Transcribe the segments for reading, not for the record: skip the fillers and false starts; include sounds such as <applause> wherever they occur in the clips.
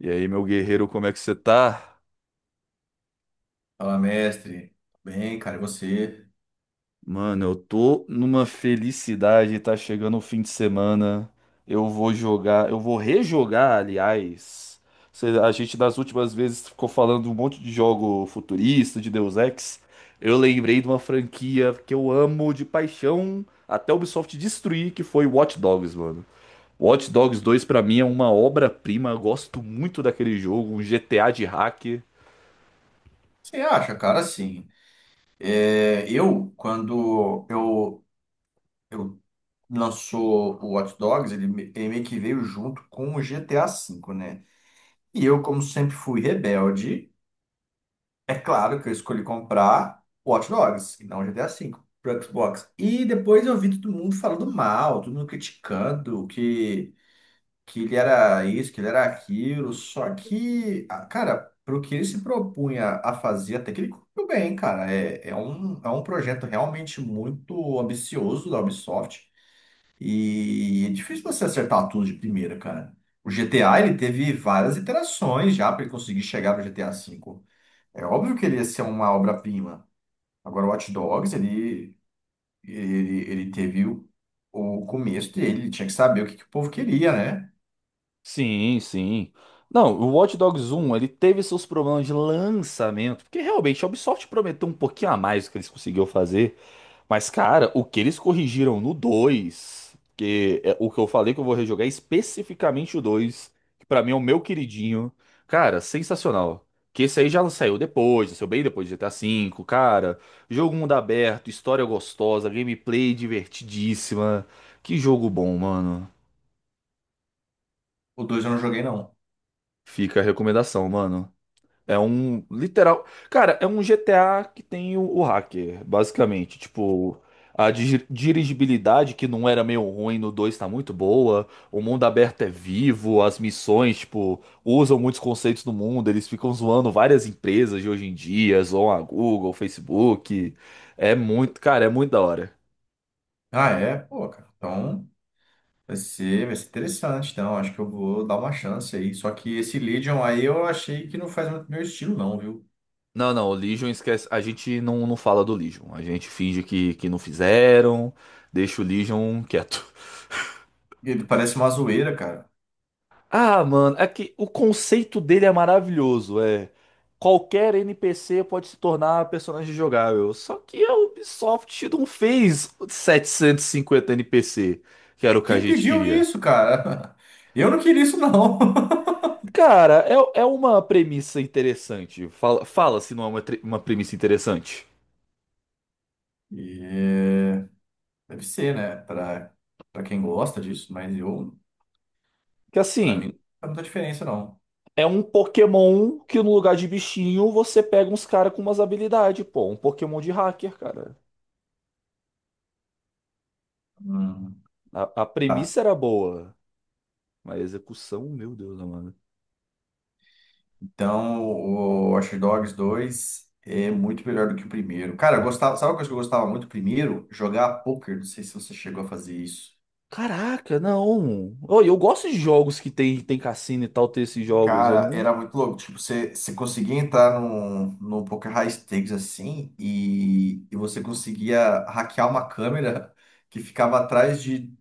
E aí, meu guerreiro, como é que você tá? Fala, mestre. Bem, cara, e você? Mano, eu tô numa felicidade, tá chegando o fim de semana. Eu vou jogar, eu vou rejogar, aliás. A gente das últimas vezes ficou falando um monte de jogo futurista, de Deus Ex. Eu lembrei de uma franquia que eu amo de paixão, até a Ubisoft destruir, que foi Watch Dogs, mano. Watch Dogs dois pra mim é uma obra-prima, eu gosto muito daquele jogo, um GTA de hack. Você acha, cara, assim, é, eu, quando eu lançou o Watch Dogs, ele meio que veio junto com o GTA V, né? E eu, como sempre fui rebelde, é claro que eu escolhi comprar o Watch Dogs, e não o GTA V, pro Xbox. E depois eu vi todo mundo falando mal, todo mundo criticando, que ele era isso, que ele era aquilo, só que, ah, cara, pro que ele se propunha a fazer, até que ele cumpriu bem, cara. É um projeto realmente muito ambicioso da Ubisoft e é difícil você acertar tudo de primeira, cara. O GTA, ele teve várias iterações já para ele conseguir chegar no GTA V. É óbvio que ele ia ser uma obra-prima. Agora, o Watch Dogs, ele teve o começo dele, ele tinha que saber o que, que o povo queria, né? Sim, sim. Não, o Watch Dogs um ele teve seus problemas de lançamento, porque realmente a Ubisoft prometeu um pouquinho a mais do que eles conseguiram fazer, mas cara, o que eles corrigiram no dois, que é o que eu falei que eu vou rejogar, é especificamente o dois, que pra mim é o meu queridinho. Cara, sensacional. Que esse aí já saiu depois, já saiu bem depois de GTA V, cara. Jogo mundo aberto, história gostosa, gameplay divertidíssima. Que jogo bom, mano. O dois eu não joguei, não. Fica a recomendação, mano. É um literal. Cara, é um GTA que tem o hacker, basicamente. Tipo, a dirigibilidade, que não era meio ruim no dois, tá muito boa. O mundo aberto é vivo, as missões, tipo, usam muitos conceitos do mundo. Eles ficam zoando várias empresas de hoje em dia, zoam a Google, Facebook. É muito, cara, é muito da hora. Ah, é? Pô, cara. Então vai ser interessante. Então, acho que eu vou dar uma chance aí. Só que esse Legion aí eu achei que não faz muito meu estilo, não, viu? Não, não, o Legion esquece. A gente não fala do Legion. A gente finge que não fizeram, deixa o Legion quieto. Ele parece uma zoeira, cara. Ah, mano, é que o conceito dele é maravilhoso. É, qualquer NPC pode se tornar personagem jogável. Só que a Ubisoft não fez 750 NPC, que era o que a Quem gente pediu queria. isso, cara? <laughs> Eu não queria isso, não. <laughs> Cara, é uma premissa interessante. Fala se não é uma, uma premissa interessante. E é, deve ser, né? Pra quem gosta disso, mas eu, Que pra mim, assim, não faz muita diferença, não. é um Pokémon que no lugar de bichinho você pega uns caras com umas habilidades, pô. Um Pokémon de hacker, cara. Hum. A Tá. premissa era boa, mas a execução, meu Deus, mano. Então, o Watch Dogs dois é muito melhor do que o primeiro. Cara, eu gostava, sabe uma coisa que eu gostava muito? Primeiro, jogar poker. Não sei se você chegou a fazer isso. Caraca, não. Oh, eu gosto de jogos que tem cassino e tal, ter esses jogos. Eu Cara, não. era muito louco. Tipo, você conseguia entrar num poker high stakes assim e você conseguia hackear uma câmera <laughs> que ficava atrás de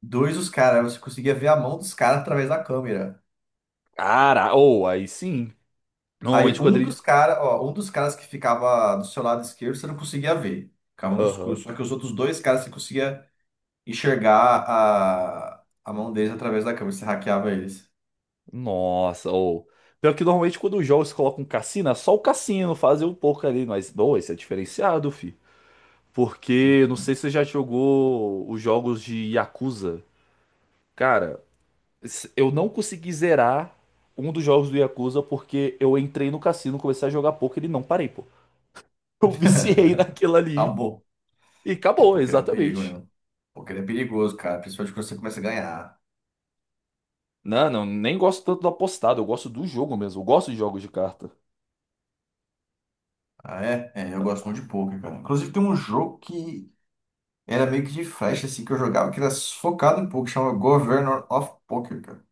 dois dos caras. Aí, você conseguia ver a mão dos caras através da câmera. Cara, ou aí sim. Aí Normalmente quando um dos ele. caras, ó, um dos caras que ficava do seu lado esquerdo, você não conseguia ver. Ficava no escuro. Aham. Só que os outros dois caras você conseguia enxergar a mão deles através da câmera. Você hackeava eles. Nossa, ou. Pior que normalmente quando os jogos colocam cassino, é só o cassino fazer um pouco ali. Mas, bom, esse é diferenciado, fi. Porque, não Uhum. sei se você já jogou os jogos de Yakuza. Cara, eu não consegui zerar um dos jogos do Yakuza porque eu entrei no cassino, comecei a jogar poker e não parei, pô. <laughs> Eu viciei naquilo ali. Acabou. E É, acabou, poker é um perigo exatamente. mesmo. Poker é perigoso, cara. Principalmente quando você começa a ganhar. Não, não, nem gosto tanto do apostado, eu gosto do jogo mesmo, eu gosto de jogos de carta. Ah, é? É, eu gosto muito de poker, cara. Inclusive tem um jogo que era meio que de flecha, assim, que eu jogava, que era focado em poker, chama Governor of Poker, cara.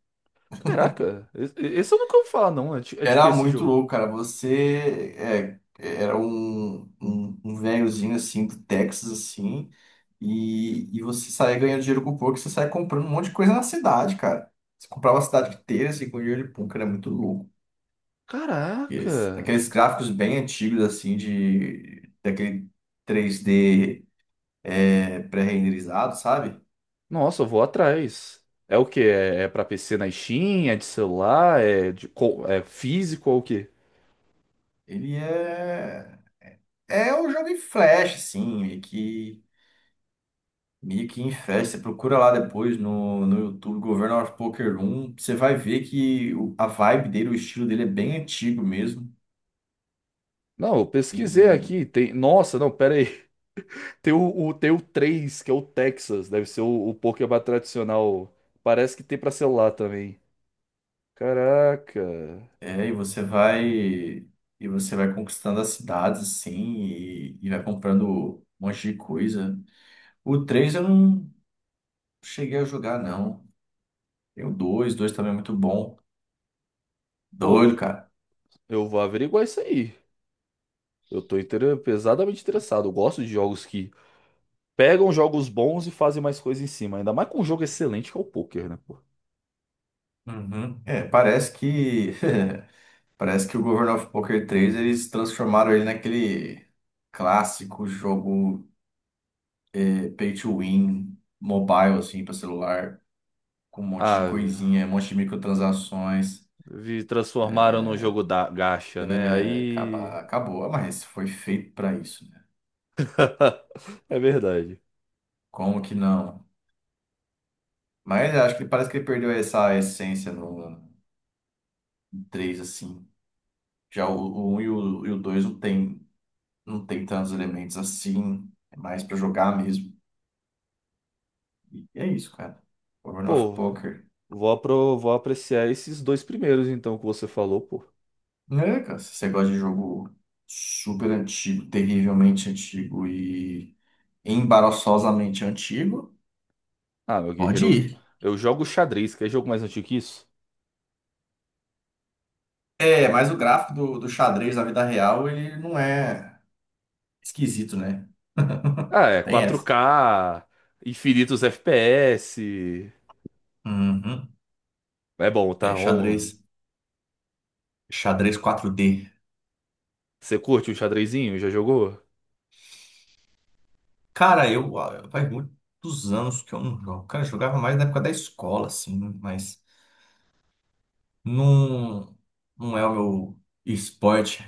Caraca, esse eu nunca ouvi falar, não. É de que Era esse muito jogo? louco, cara. Era um velhozinho assim do Texas, assim, e você saía ganhando dinheiro com pouco, você saía comprando um monte de coisa na cidade, cara. Você comprava a cidade inteira assim, com dinheiro de pouco, era muito louco. Caraca! Aqueles gráficos bem antigos, assim, de daquele 3D, pré-renderizado, sabe? Nossa, eu vou atrás. É o quê? É, é pra PC na Steam? É de celular? É, de, é físico ou o quê? Ele é. É um jogo em flash, assim, meio que. Mickey em festa, procura lá depois no YouTube, Governo of Poker 1, você vai ver que a vibe dele, o estilo dele é bem antigo mesmo, Não, eu pesquisei e, aqui. Tem, nossa, não, pera aí. <laughs> Tem tem o três, que é o Texas. Deve ser o Pokémon tradicional. Parece que tem pra celular também. Caraca. é, e você vai e você vai conquistando as cidades, assim, e vai comprando um monte de coisa. O 3 eu não cheguei a jogar, não. Tem o 2, 2 também é muito bom. Doido, Pô, cara. eu vou averiguar isso aí. Eu tô pesadamente interessado. Eu gosto de jogos que pegam jogos bons e fazem mais coisa em cima. Ainda mais com um jogo excelente que é o poker, né, pô? Uhum. É, parece que <laughs> Parece que o Governor of Poker 3 eles transformaram ele naquele clássico jogo, pay to win, mobile, assim, para celular, com um monte de Ah, velho, coisinha, um monte de microtransações. vi transformaram num jogo da gacha, né? É, Aí. Acabou. Ah, mas foi feito para isso, né? <laughs> É verdade. Como que não? Mas eu acho que parece que ele perdeu essa essência no 3 assim. Já o 1 e o 2 não tem tantos elementos assim, é mais para jogar mesmo. E é isso, cara. Governor of Pô, Poker. Vou apreciar esses dois primeiros, então, que você falou, pô. É, cara, se você gosta de jogo super antigo, terrivelmente antigo e embaraçosamente antigo, Ah, meu pode guerreiro, ir. eu jogo xadrez, que é jogo mais antigo que isso? É, mas o gráfico do xadrez na vida real, ele não é esquisito, né? Ah, é Tem 4K essa. infinitos FPS. Uhum. É bom, É, tá? xadrez, Um, xadrez 4D. você curte o xadrezinho? Já jogou? Cara, faz muitos anos que eu não jogo. Cara, eu jogava mais na época da escola, assim, mas não, não é o meu esporte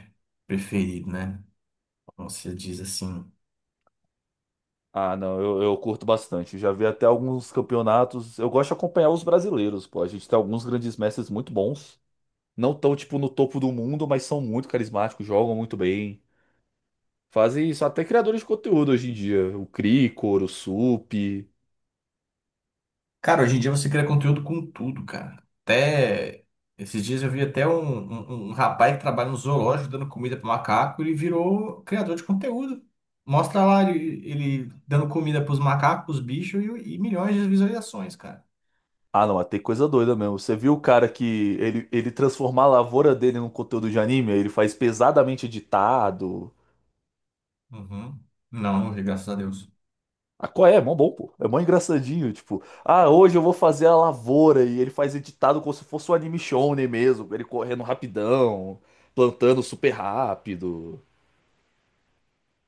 preferido, né? Como se diz assim. Ah, não, eu curto bastante. Já vi até alguns campeonatos. Eu gosto de acompanhar os brasileiros, pô. A gente tem alguns grandes mestres muito bons. Não tão, tipo, no topo do mundo, mas são muito carismáticos, jogam muito bem. Fazem isso até criadores de conteúdo hoje em dia. O Cricor, o Sup. Cara, hoje em dia você cria conteúdo com tudo, cara. Até esses dias eu vi até um rapaz que trabalha no zoológico dando comida para macaco e virou criador de conteúdo. Mostra lá ele dando comida para os macacos, os bichos e milhões de visualizações, cara. Ah, não, mas tem coisa doida mesmo. Você viu o cara que ele transformar a lavoura dele num conteúdo de anime? Ele faz pesadamente editado. Uhum. Não, não vi, graças a Deus. Ah, qual é? É mó bom, pô. É mó engraçadinho, tipo, ah, hoje eu vou fazer a lavoura e ele faz editado como se fosse um anime shonen mesmo, ele correndo rapidão, plantando super rápido.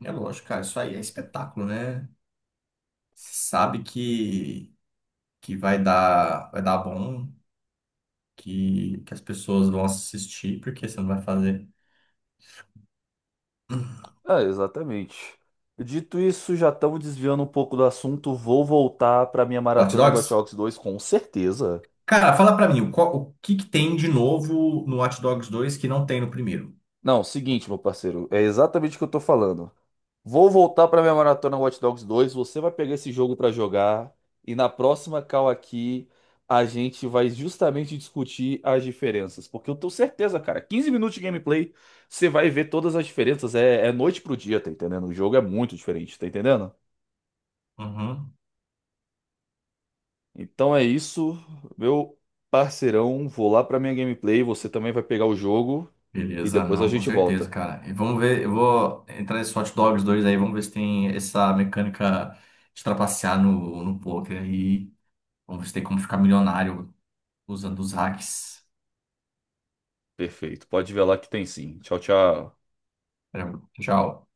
É lógico, cara, isso aí é espetáculo, né? Sabe que vai dar bom, que as pessoas vão assistir, porque você não vai fazer. Ah, exatamente. Dito isso, já estamos desviando um pouco do assunto, vou voltar para minha Hot maratona do Hot Dogs? Dogs 2 com certeza. Cara, fala pra mim, o que que tem de novo no Watch Dogs 2 que não tem no primeiro? Não, seguinte, meu parceiro, é exatamente o que eu tô falando. Vou voltar para minha maratona Watch Dogs dois. Você vai pegar esse jogo para jogar. E na próxima call aqui, a gente vai justamente discutir as diferenças. Porque eu tenho certeza, cara, 15 minutos de gameplay, você vai ver todas as diferenças. É, é noite pro dia, tá entendendo? O jogo é muito diferente, tá entendendo? Uhum. Então é isso, meu parceirão. Vou lá pra minha gameplay. Você também vai pegar o jogo. E Beleza, depois a não, com gente certeza, volta. cara. E vamos ver, eu vou entrar nesse Hot Dogs 2 aí, vamos ver se tem essa mecânica de trapacear no poker aí. Vamos ver se tem como ficar milionário usando os hacks. Perfeito. Pode ver lá que tem sim. Tchau, tchau. Tchau.